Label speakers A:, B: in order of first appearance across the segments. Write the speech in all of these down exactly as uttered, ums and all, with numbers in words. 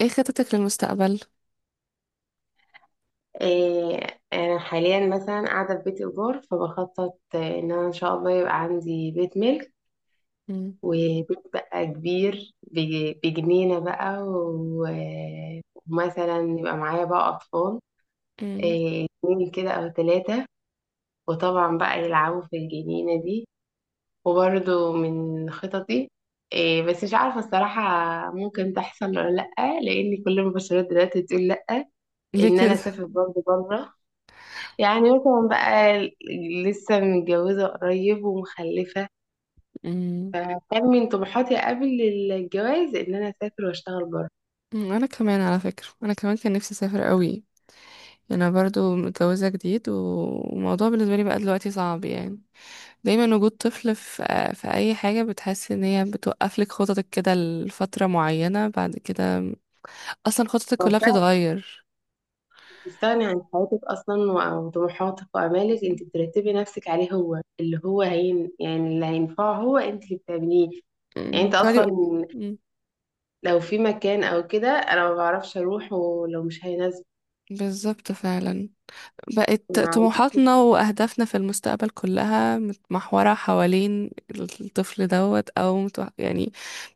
A: ايه خطتك للمستقبل؟
B: إيه، أنا حاليا مثلا قاعدة في بيت إيجار فبخطط آه، إن أنا إن شاء الله يبقى عندي بيت ملك
A: مم.
B: وبيت بقى كبير بج- بجنينة بقى و- ومثلا يبقى معايا بقى أطفال.
A: مم.
B: إيه، اتنين كده أو تلاتة، وطبعا بقى يلعبوا في الجنينة دي. وبرضو من خططي إيه، بس مش عارفة الصراحة ممكن تحصل ولا لأ. لأن كل المبشرات دلوقتي بتقول لأ.
A: ليه
B: إن أنا
A: كده؟
B: أسافر برضو بره، يعني مثلا بقى ل- لسه متجوزة قريب ومخلفة.
A: مم.
B: فكان من طموحاتي قبل الجواز إن أنا أسافر وأشتغل بره.
A: مم، انا كمان على فكرة انا كمان كان نفسي اسافر قوي يعني. انا برضو متجوزة جديد و- والموضوع بالنسبة لي بقى دلوقتي صعب يعني. دايما وجود طفل في في اي حاجة، بتحس ان هي بتوقف لك خططك كده لفترة معينة بعد كده. اصلا خططك كلها
B: ففعلا
A: بتتغير.
B: أنت بتستغني عن حياتك أصلا وعن طموحاتك وآمالك،
A: مم.
B: أنت بترتبي نفسك عليه هو، اللي هو هين يعني، اللي هينفعه هو أنت اللي بتعمليه. يعني
A: مم.
B: أنت
A: تقعدي بقى.
B: أصلا
A: مم.
B: لو في مكان أو كده أنا ما بعرفش أروح ولو مش هيناسبك.
A: بالظبط فعلا. بقت
B: مع
A: طموحاتنا وأهدافنا في المستقبل كلها متمحورة حوالين الطفل دوت أو متو... يعني.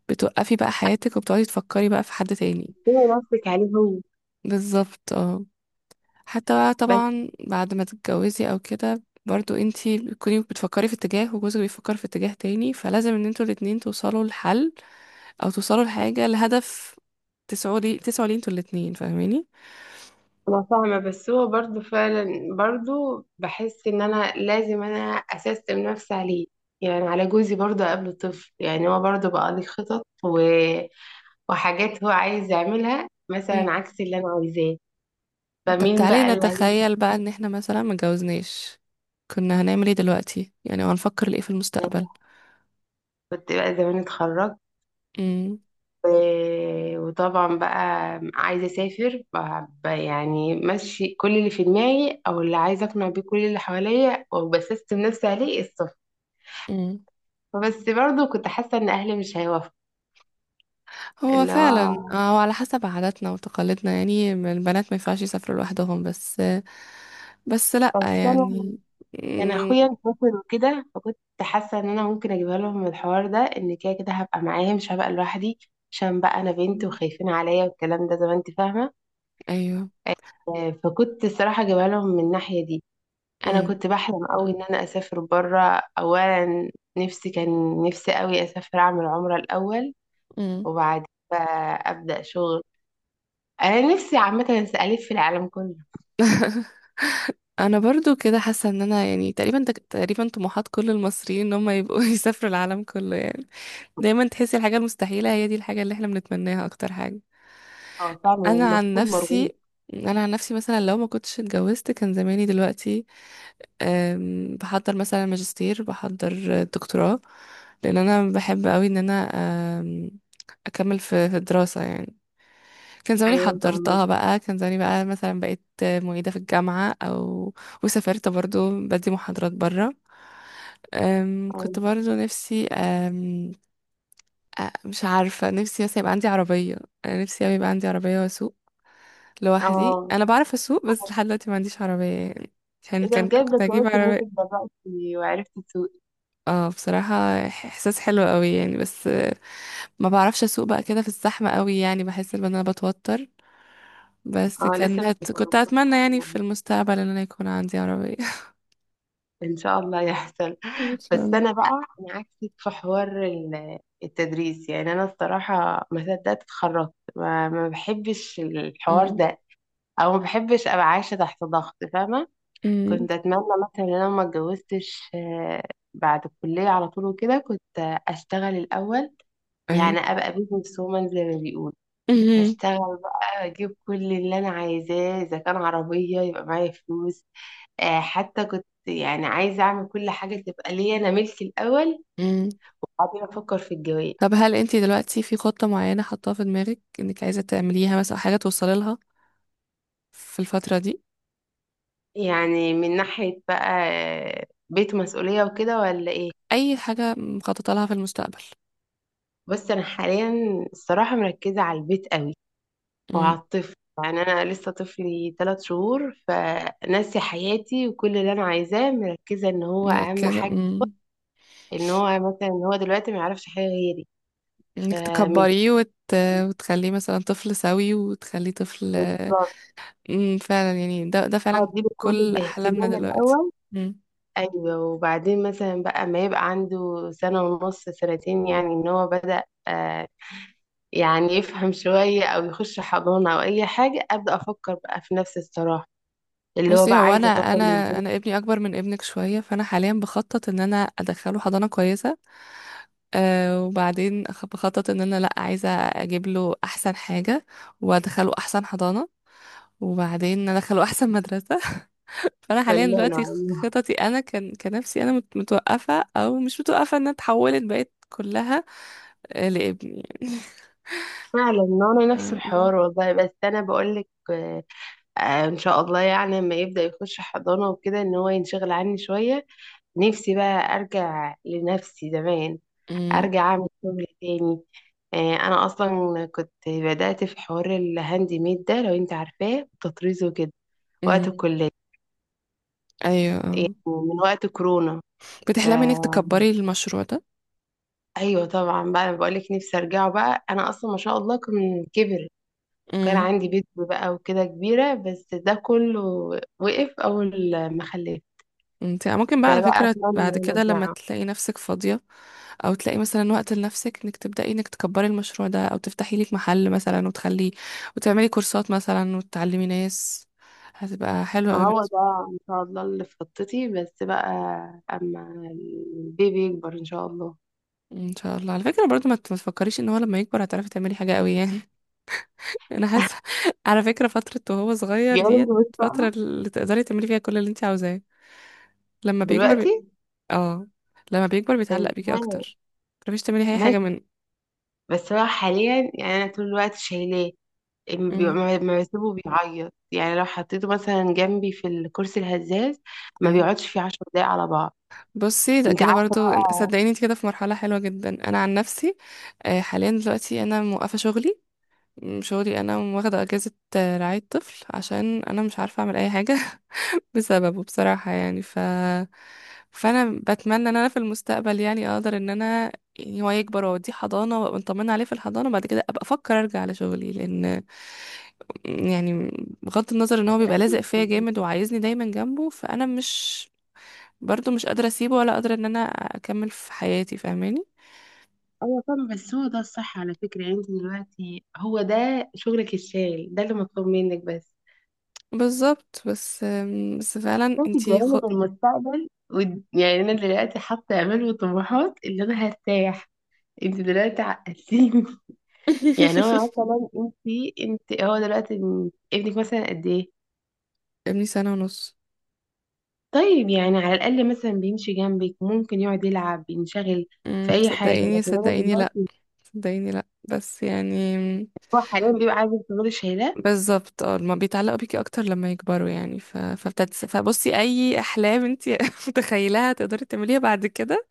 A: بتوقفي بقى حياتك وبتقعدي تفكري بقى في حد تاني.
B: بترتبي نفسك عليه هو.
A: بالظبط اه. حتى بقى
B: بس
A: طبعا بعد ما تتجوزي أو كده، برضو انتي بتكوني بتفكري في اتجاه وجوزك بيفكر في اتجاه تاني، فلازم ان انتوا الاتنين توصلوا لحل أو توصلوا لحاجة لهدف تسعوا لي تسعوا ليه انتوا الاتنين، فاهماني؟
B: انا فاهمه، بس هو برضو فعلا برضو بحس ان انا لازم انا اسستم نفسي عليه. يعني على جوزي برضو قبل طفل، يعني هو برضو بقى لي خطط و... وحاجات هو عايز يعملها مثلا عكس اللي انا عايزاه.
A: طب
B: فمين
A: تعالي
B: بقى اللي هي.
A: نتخيل بقى ان احنا مثلا متجوزناش، كنا هنعمل ايه دلوقتي؟ يعني هنفكر لايه في المستقبل؟
B: كنت بقى زمان اتخرجت
A: امم.
B: و- وطبعا بقى عايزه اسافر، ب- ب- يعني ماشي كل اللي في دماغي او اللي عايزه اقنع بيه كل اللي حواليا وبسستم نفسي عليه السفر.
A: امم.
B: فبس برضو كنت حاسه ان اهلي مش هيوافقوا.
A: هو
B: اللي
A: فعلا.
B: هو
A: آه، هو على حسب عاداتنا وتقاليدنا، يعني البنات ما ينفعش يسافروا لوحدهم بس. بس لا
B: بس انا
A: يعني.
B: كان اخويا
A: مم.
B: مسافر وكده، فكنت حاسه ان انا ممكن اجيبها لهم من الحوار ده، ان كده كده هبقى معاهم مش هبقى لوحدي، عشان بقى انا بنت وخايفين عليا والكلام ده زي ما انت فاهمه.
A: ايوه.
B: آه، فكنت الصراحه اجيبها لهم من الناحيه دي. انا
A: مم.
B: كنت بحلم قوي ان انا اسافر بره اولا. نفسي كان نفسي قوي اسافر اعمل عمره الاول.
A: مم.
B: وبعد بقى ابدا شغل. انا نفسي عامه الف في العالم كله.
A: انا برضو كده حاسه ان انا يعني تقريبا تقريبا طموحات كل المصريين ان هم يبقوا يسافروا العالم كله يعني. دايما تحسي الحاجه المستحيله هي دي الحاجه اللي احنا بنتمناها اكتر حاجه.
B: اه فعلا
A: انا عن
B: المفروض مرغوب.
A: نفسي، انا عن نفسي مثلا لو ما كنتش اتجوزت، كان زماني دلوقتي أم، بحضر مثلا ماجستير، بحضر دكتوراه، لان انا بحب قوي ان انا أم، اكمل في في الدراسه يعني. كان زماني
B: ايوه فاهمه.
A: حضرتها بقى، كان زماني بقى مثلا بقيت معيده في الجامعه او وسافرت برضو بدي محاضرات بره. أم، كنت
B: أيوة.
A: برضو نفسي. آه، مش عارفة نفسي بس يبقى عندي عربية. أنا نفسي أوي يبقى عندي عربية وأسوق لوحدي.
B: اه،
A: أنا بعرف أسوق بس لحد دلوقتي ما عنديش عربية يعني، عشان
B: إيه ده
A: كان
B: بجد
A: كنت هجيب
B: كويس إن أنت
A: عربية.
B: اتدربتي وعرفتي تسوقي.
A: اه بصراحة إح- إحساس حلو أوي يعني، بس آه، ما بعرفش أسوق بقى كده في الزحمة أوي، يعني بحس إن أنا بتوتر. بس
B: أه، لسه
A: كان
B: مش
A: هت... كنت أتمنى
B: متوقعة
A: يعني في
B: يعني.
A: المستقبل إن أنا يكون عندي عربية
B: إن شاء الله يحصل.
A: إن شاء
B: بس
A: الله.
B: أنا بقى، أنا عكسك في حوار ال- التدريس. يعني أنا الصراحة ما صدقت اتخرجت، ما, ما بحبش الحوار
A: أمم.
B: ده. أو ما بحبش أبقى عايشة تحت ضغط فاهمة.
A: أمم.
B: كنت أتمنى مثلا إن أنا ما اتجوزتش، آه، بعد الكلية على طول وكده كنت أشتغل الأول. يعني
A: أي.
B: أبقى بيزنس وومن زي ما بيقولوا. هشتغل بقى اجيب كل اللي انا عايزاه، اذا كان عربيه يبقى معايا فلوس. آه، حتى كنت يعني عايزه اعمل كل حاجه تبقى ليا انا ملكي الاول،
A: أمم.
B: وبعدين افكر في الجواز.
A: طب هل انتي دلوقتي في خطة معينة حاطاها في دماغك انك عايزة تعمليها مثلا، أو حاجة توصلي لها في الفترة دي؟
B: يعني من ناحيه بقى آه، بيت مسؤوليه وكده ولا ايه.
A: اي حاجة مخططة لها في المستقبل؟
B: بس انا حاليا الصراحه مركزه على البيت قوي،
A: مم.
B: وعلى الطفل. يعني انا لسه طفلي ثلاث شهور، فناسي حياتي وكل اللي انا عايزاه مركزه ان هو اهم
A: مركزة
B: حاجه.
A: مم.
B: ان هو مثلا ان هو دلوقتي ما يعرفش حاجه غيري،
A: انك
B: فمتضايقة.
A: تكبريه وت... وتخليه مثلا طفل سوي وتخليه طفل.
B: بالظبط،
A: مم. فعلا يعني ده ده فعلا
B: اديله كل
A: كل احلامنا
B: الاهتمام
A: دلوقتي.
B: الاول. ايوه، وبعدين مثلا بقى ما يبقى عنده سنه ونص سنتين، يعني ان هو بدأ آه يعني يفهم شويه او يخش حضانه او اي حاجه، ابدا افكر بقى في نفس الصراحه اللي هو
A: بصي
B: بقى
A: هو انا
B: عايزه اطور من
A: انا
B: ذاتي.
A: انا ابني اكبر من ابنك شويه، فانا حاليا بخطط ان انا ادخله حضانه كويسه. أه وبعدين أخ- بخطط ان انا لا عايزه اجيب له احسن حاجه وادخله احسن حضانه وبعدين ادخله احسن مدرسه فانا حاليا
B: كلنا
A: دلوقتي خ-
B: والله.
A: خططي انا كان كنفسي، انا مت- متوقفه او مش متوقفه، انها اتحولت بقت كلها آه، لابني
B: فعلا انا
A: يعني
B: نفس
A: أم-
B: الحوار والله. بس انا بقول لك آه آه، ان شاء الله يعني لما يبدا يخش حضانه وكده ان هو ينشغل عني شويه، نفسي بقى ارجع لنفسي زمان،
A: أم-
B: ارجع اعمل شغل تاني. آه، انا اصلا كنت بدأت في حوار الهاند ميد ده لو انت عارفاه، التطريز وكده، وقت
A: أم.
B: الكلية،
A: ايوه آه.
B: من وقت كورونا. ف
A: بتحلمي انك تكبري المشروع
B: ايوه طبعا بقى، بقول لك نفسي ارجعه بقى، انا اصلا ما شاء الله كان كبر. كان
A: ده؟
B: عندي بيت بقى وكده كبيرة، بس ده كله وقف اول ما خلفت.
A: انت ممكن بقى على
B: فبقى
A: فكرة بعد
B: اتمنى
A: كده لما
B: ارجعه.
A: تلاقي نفسك فاضية، او تلاقي مثلا وقت لنفسك، انك تبدأي انك تكبري المشروع ده او تفتحي لك محل مثلا وتخلي وتعملي كورسات مثلا وتعلمي ناس. هتبقى حلوة
B: ما
A: قوي
B: هو
A: بالنسبة-
B: ده ان شاء الله اللي في خطتي، بس بقى اما البيبي يكبر ان شاء الله.
A: ان شاء الله، على فكرة برضو ما ت- ما تفكريش ان هو لما يكبر هتعرفي تعملي حاجة قوي يعني انا حاسة على فكرة فترة وهو صغير،
B: جاله
A: ديت فترة اللي تقدري تعملي فيها كل اللي انت عاوزاه، لما بيكبر
B: دلوقتي
A: بي... اه لما بيكبر بيتعلق بيكي
B: تمام،
A: اكتر، متعرفيش تعملي اي حاجة
B: ماشي.
A: من.
B: بس هو حاليا يعني انا طول الوقت شايلاه. إم- بي- ما ما بسيبه بيعيط، يعني لو حطيته مثلا جنبي في الكرسي الهزاز ما
A: امم.
B: بيقعدش فيه عشر دقايق على بعض.
A: بصي ده
B: انت
A: كده
B: عارفه
A: برضو،
B: بقى.
A: صدقيني انت كده في مرحلة حلوة جدا. انا عن نفسي آه، حاليا دلوقتي انا موقفة شغلي، م- شغلي انا واخدة اجازة آه، رعاية طفل عشان انا مش عارفة اعمل اي حاجة بسببه بصراحة يعني. ف فانا بتمنى ان انا في المستقبل يعني اقدر ان انا، يعني هو يكبر واوديه حضانة وابقى مطمنة عليه في الحضانة، وبعد كده ابقى افكر ارجع لشغلي، لان يعني بغض النظر ان هو بيبقى لازق فيا جامد وعايزني دايما جنبه، فانا مش برضو مش قادرة اسيبه ولا قادرة ان انا اكمل في حياتي، فاهماني؟
B: ايوه طبعا بس هو ده الصح على فكره. يعني انت دلوقتي هو ده شغلك الشاغل، ده اللي مطلوب منك بس.
A: بالظبط بس أم، بس فعلا
B: انت
A: انتي خ...
B: جايه المستقبل ود- يعني انا دلوقتي حاطه امال وطموحات اللي انا هرتاح. انت دلوقتي عقلتيني. يعني هو مثلا انت انت هو دلوقتي ابنك مثلا قد ايه.
A: ابني سنة ونص.
B: طيب يعني على الاقل مثلا بيمشي جنبك ممكن يقعد يلعب بينشغل في
A: أم،
B: اي حاجه،
A: صدقيني
B: لكن انا
A: صدقيني لا،
B: دلوقتي
A: صدقيني لا بس يعني.
B: هو حاليا بيبقى عايز تفضلي شايلاه.
A: بالظبط اه ما بيتعلقوا بيكي اكتر لما يكبروا يعني، ف... فبتت... فبصي اي احلام انتي متخيلها تقدري تعمليها بعد كده.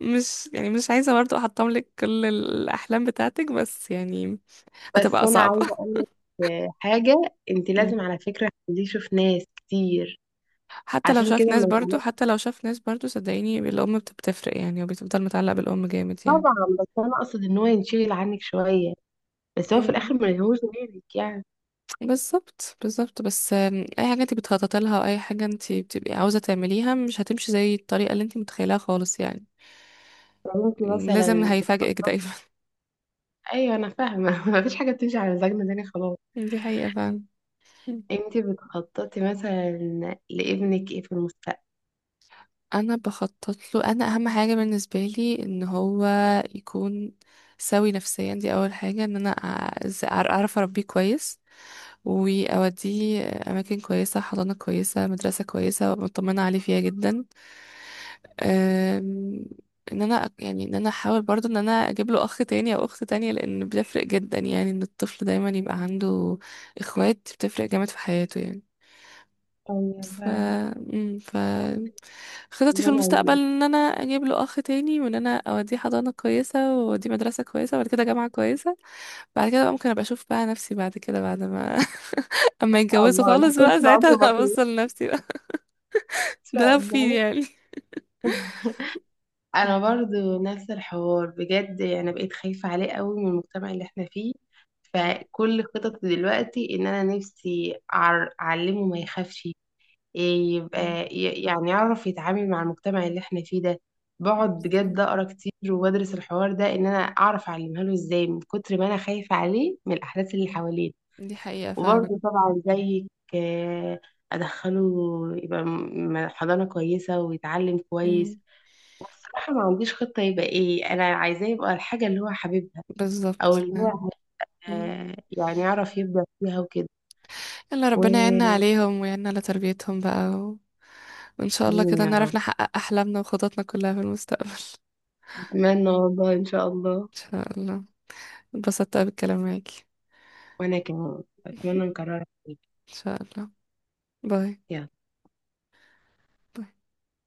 A: مش يعني مش عايزة برضو احطم لك كل الاحلام بتاعتك، بس يعني
B: بس
A: هتبقى
B: انا
A: صعبة.
B: عايزه اقول لك حاجه، انت لازم على فكره تخليه يشوف ناس كتير
A: حتى لو
B: عشان كده
A: شاف ناس
B: ما
A: برضو،
B: يتعلمش.
A: حتى لو شاف ناس برضو، صدقيني الأم بت- بتفرق يعني، وبتفضل متعلق بالأم جامد يعني.
B: طبعا بس انا اقصد ان هو ينشغل عنك شويه، بس هو في
A: مم.
B: الاخر ما يهوش غيرك يعني.
A: بالظبط بالظبط بس آم، أي حاجة انت بتخططي لها أو أي حاجة انت بتبقي عاوزة تعمليها مش هتمشي زي الطريقة اللي انت متخيلها خالص يعني.
B: لو انت
A: م، لازم
B: مثلا
A: هيفاجئك دايما
B: ايوه انا فاهمه مفيش حاجه بتمشي على مزاجنا تاني خلاص.
A: دي حقيقة فعلا. مم.
B: انتي بتخططي مثلا لابنك ايه في المستقبل.
A: أنا بخطط له، أنا أهم حاجة بالنسبة لي إن هو يكون سوي نفسيا. دي أول حاجة، إن أنا أع- أعرف أربيه كويس، وأوديه أماكن كويسة، حضانة كويسة، مدرسة كويسة، وأبقى مطمنة عليه فيها جدا. أم، إن أنا أك- يعني إن أنا أحاول برضو إن أنا أجيب له أخ تاني أو أخت تانية، لأن بيفرق جدا يعني إن الطفل دايما يبقى عنده إخوات، بتفرق جامد في حياته يعني.
B: ايوه
A: ف...
B: فعلا.
A: أم، ف خططي
B: اللي
A: في
B: انا عايزاه
A: المستقبل
B: ان
A: ان انا اجيب له اخ تاني، وان انا اوديه حضانه كويسه واوديه مدرسه كويسه وبعد كده جامعه كويسه، بعد كده بقى ممكن ابقى اشوف بقى نفسي بعد كده، بعد ما اما
B: شاء
A: يتجوزوا
B: الله. انا
A: خالص
B: كنت
A: بقى،
B: العمر
A: ساعتها
B: بطيء ان
A: هبص لنفسي بقى، ده
B: شاء
A: لو في
B: الله
A: يعني.
B: انا برضو نفس الحوار بجد، يعني بقيت خايفة عليه قوي من المجتمع اللي احنا فيه.
A: مم.
B: فكل خططي دلوقتي ان انا نفسي أعر- اعلمه ما يخافش. إيه
A: مم.
B: يبقى ي- يعني يعرف يتعامل مع المجتمع اللي احنا فيه ده. بقعد بجد
A: بالظبط.
B: اقرا كتير وبدرس الحوار ده ان انا اعرف اعلمها له ازاي، من كتر ما انا خايفة عليه من الاحداث اللي حواليه.
A: دي حقيقة فعلا.
B: وبرضه طبعا زيك، آه، أدخله يبقى م- حضانة كويسة ويتعلم كويس.
A: مم.
B: والصراحة ما عنديش خطة يبقى إيه أنا عايزاه، يبقى الحاجة اللي هو حاببها
A: بالظبط
B: أو اللي
A: فعلا.
B: هو
A: مم.
B: آه، يعني يعرف يبدع فيها وكده.
A: يلا ربنا يعيننا
B: وآمين
A: عليهم ويعيننا على تربيتهم بقى و... وإن شاء الله كده
B: يا
A: نعرف
B: رب.
A: نحقق أحلامنا وخططنا كلها في المستقبل
B: أتمنى والله إن شاء الله.
A: إن شاء الله. اتبسطت أوي بالكلام معاكي
B: وأنا كمان أتمنى نكررها تاني.
A: إن شاء الله. باي.
B: يلا
A: باي.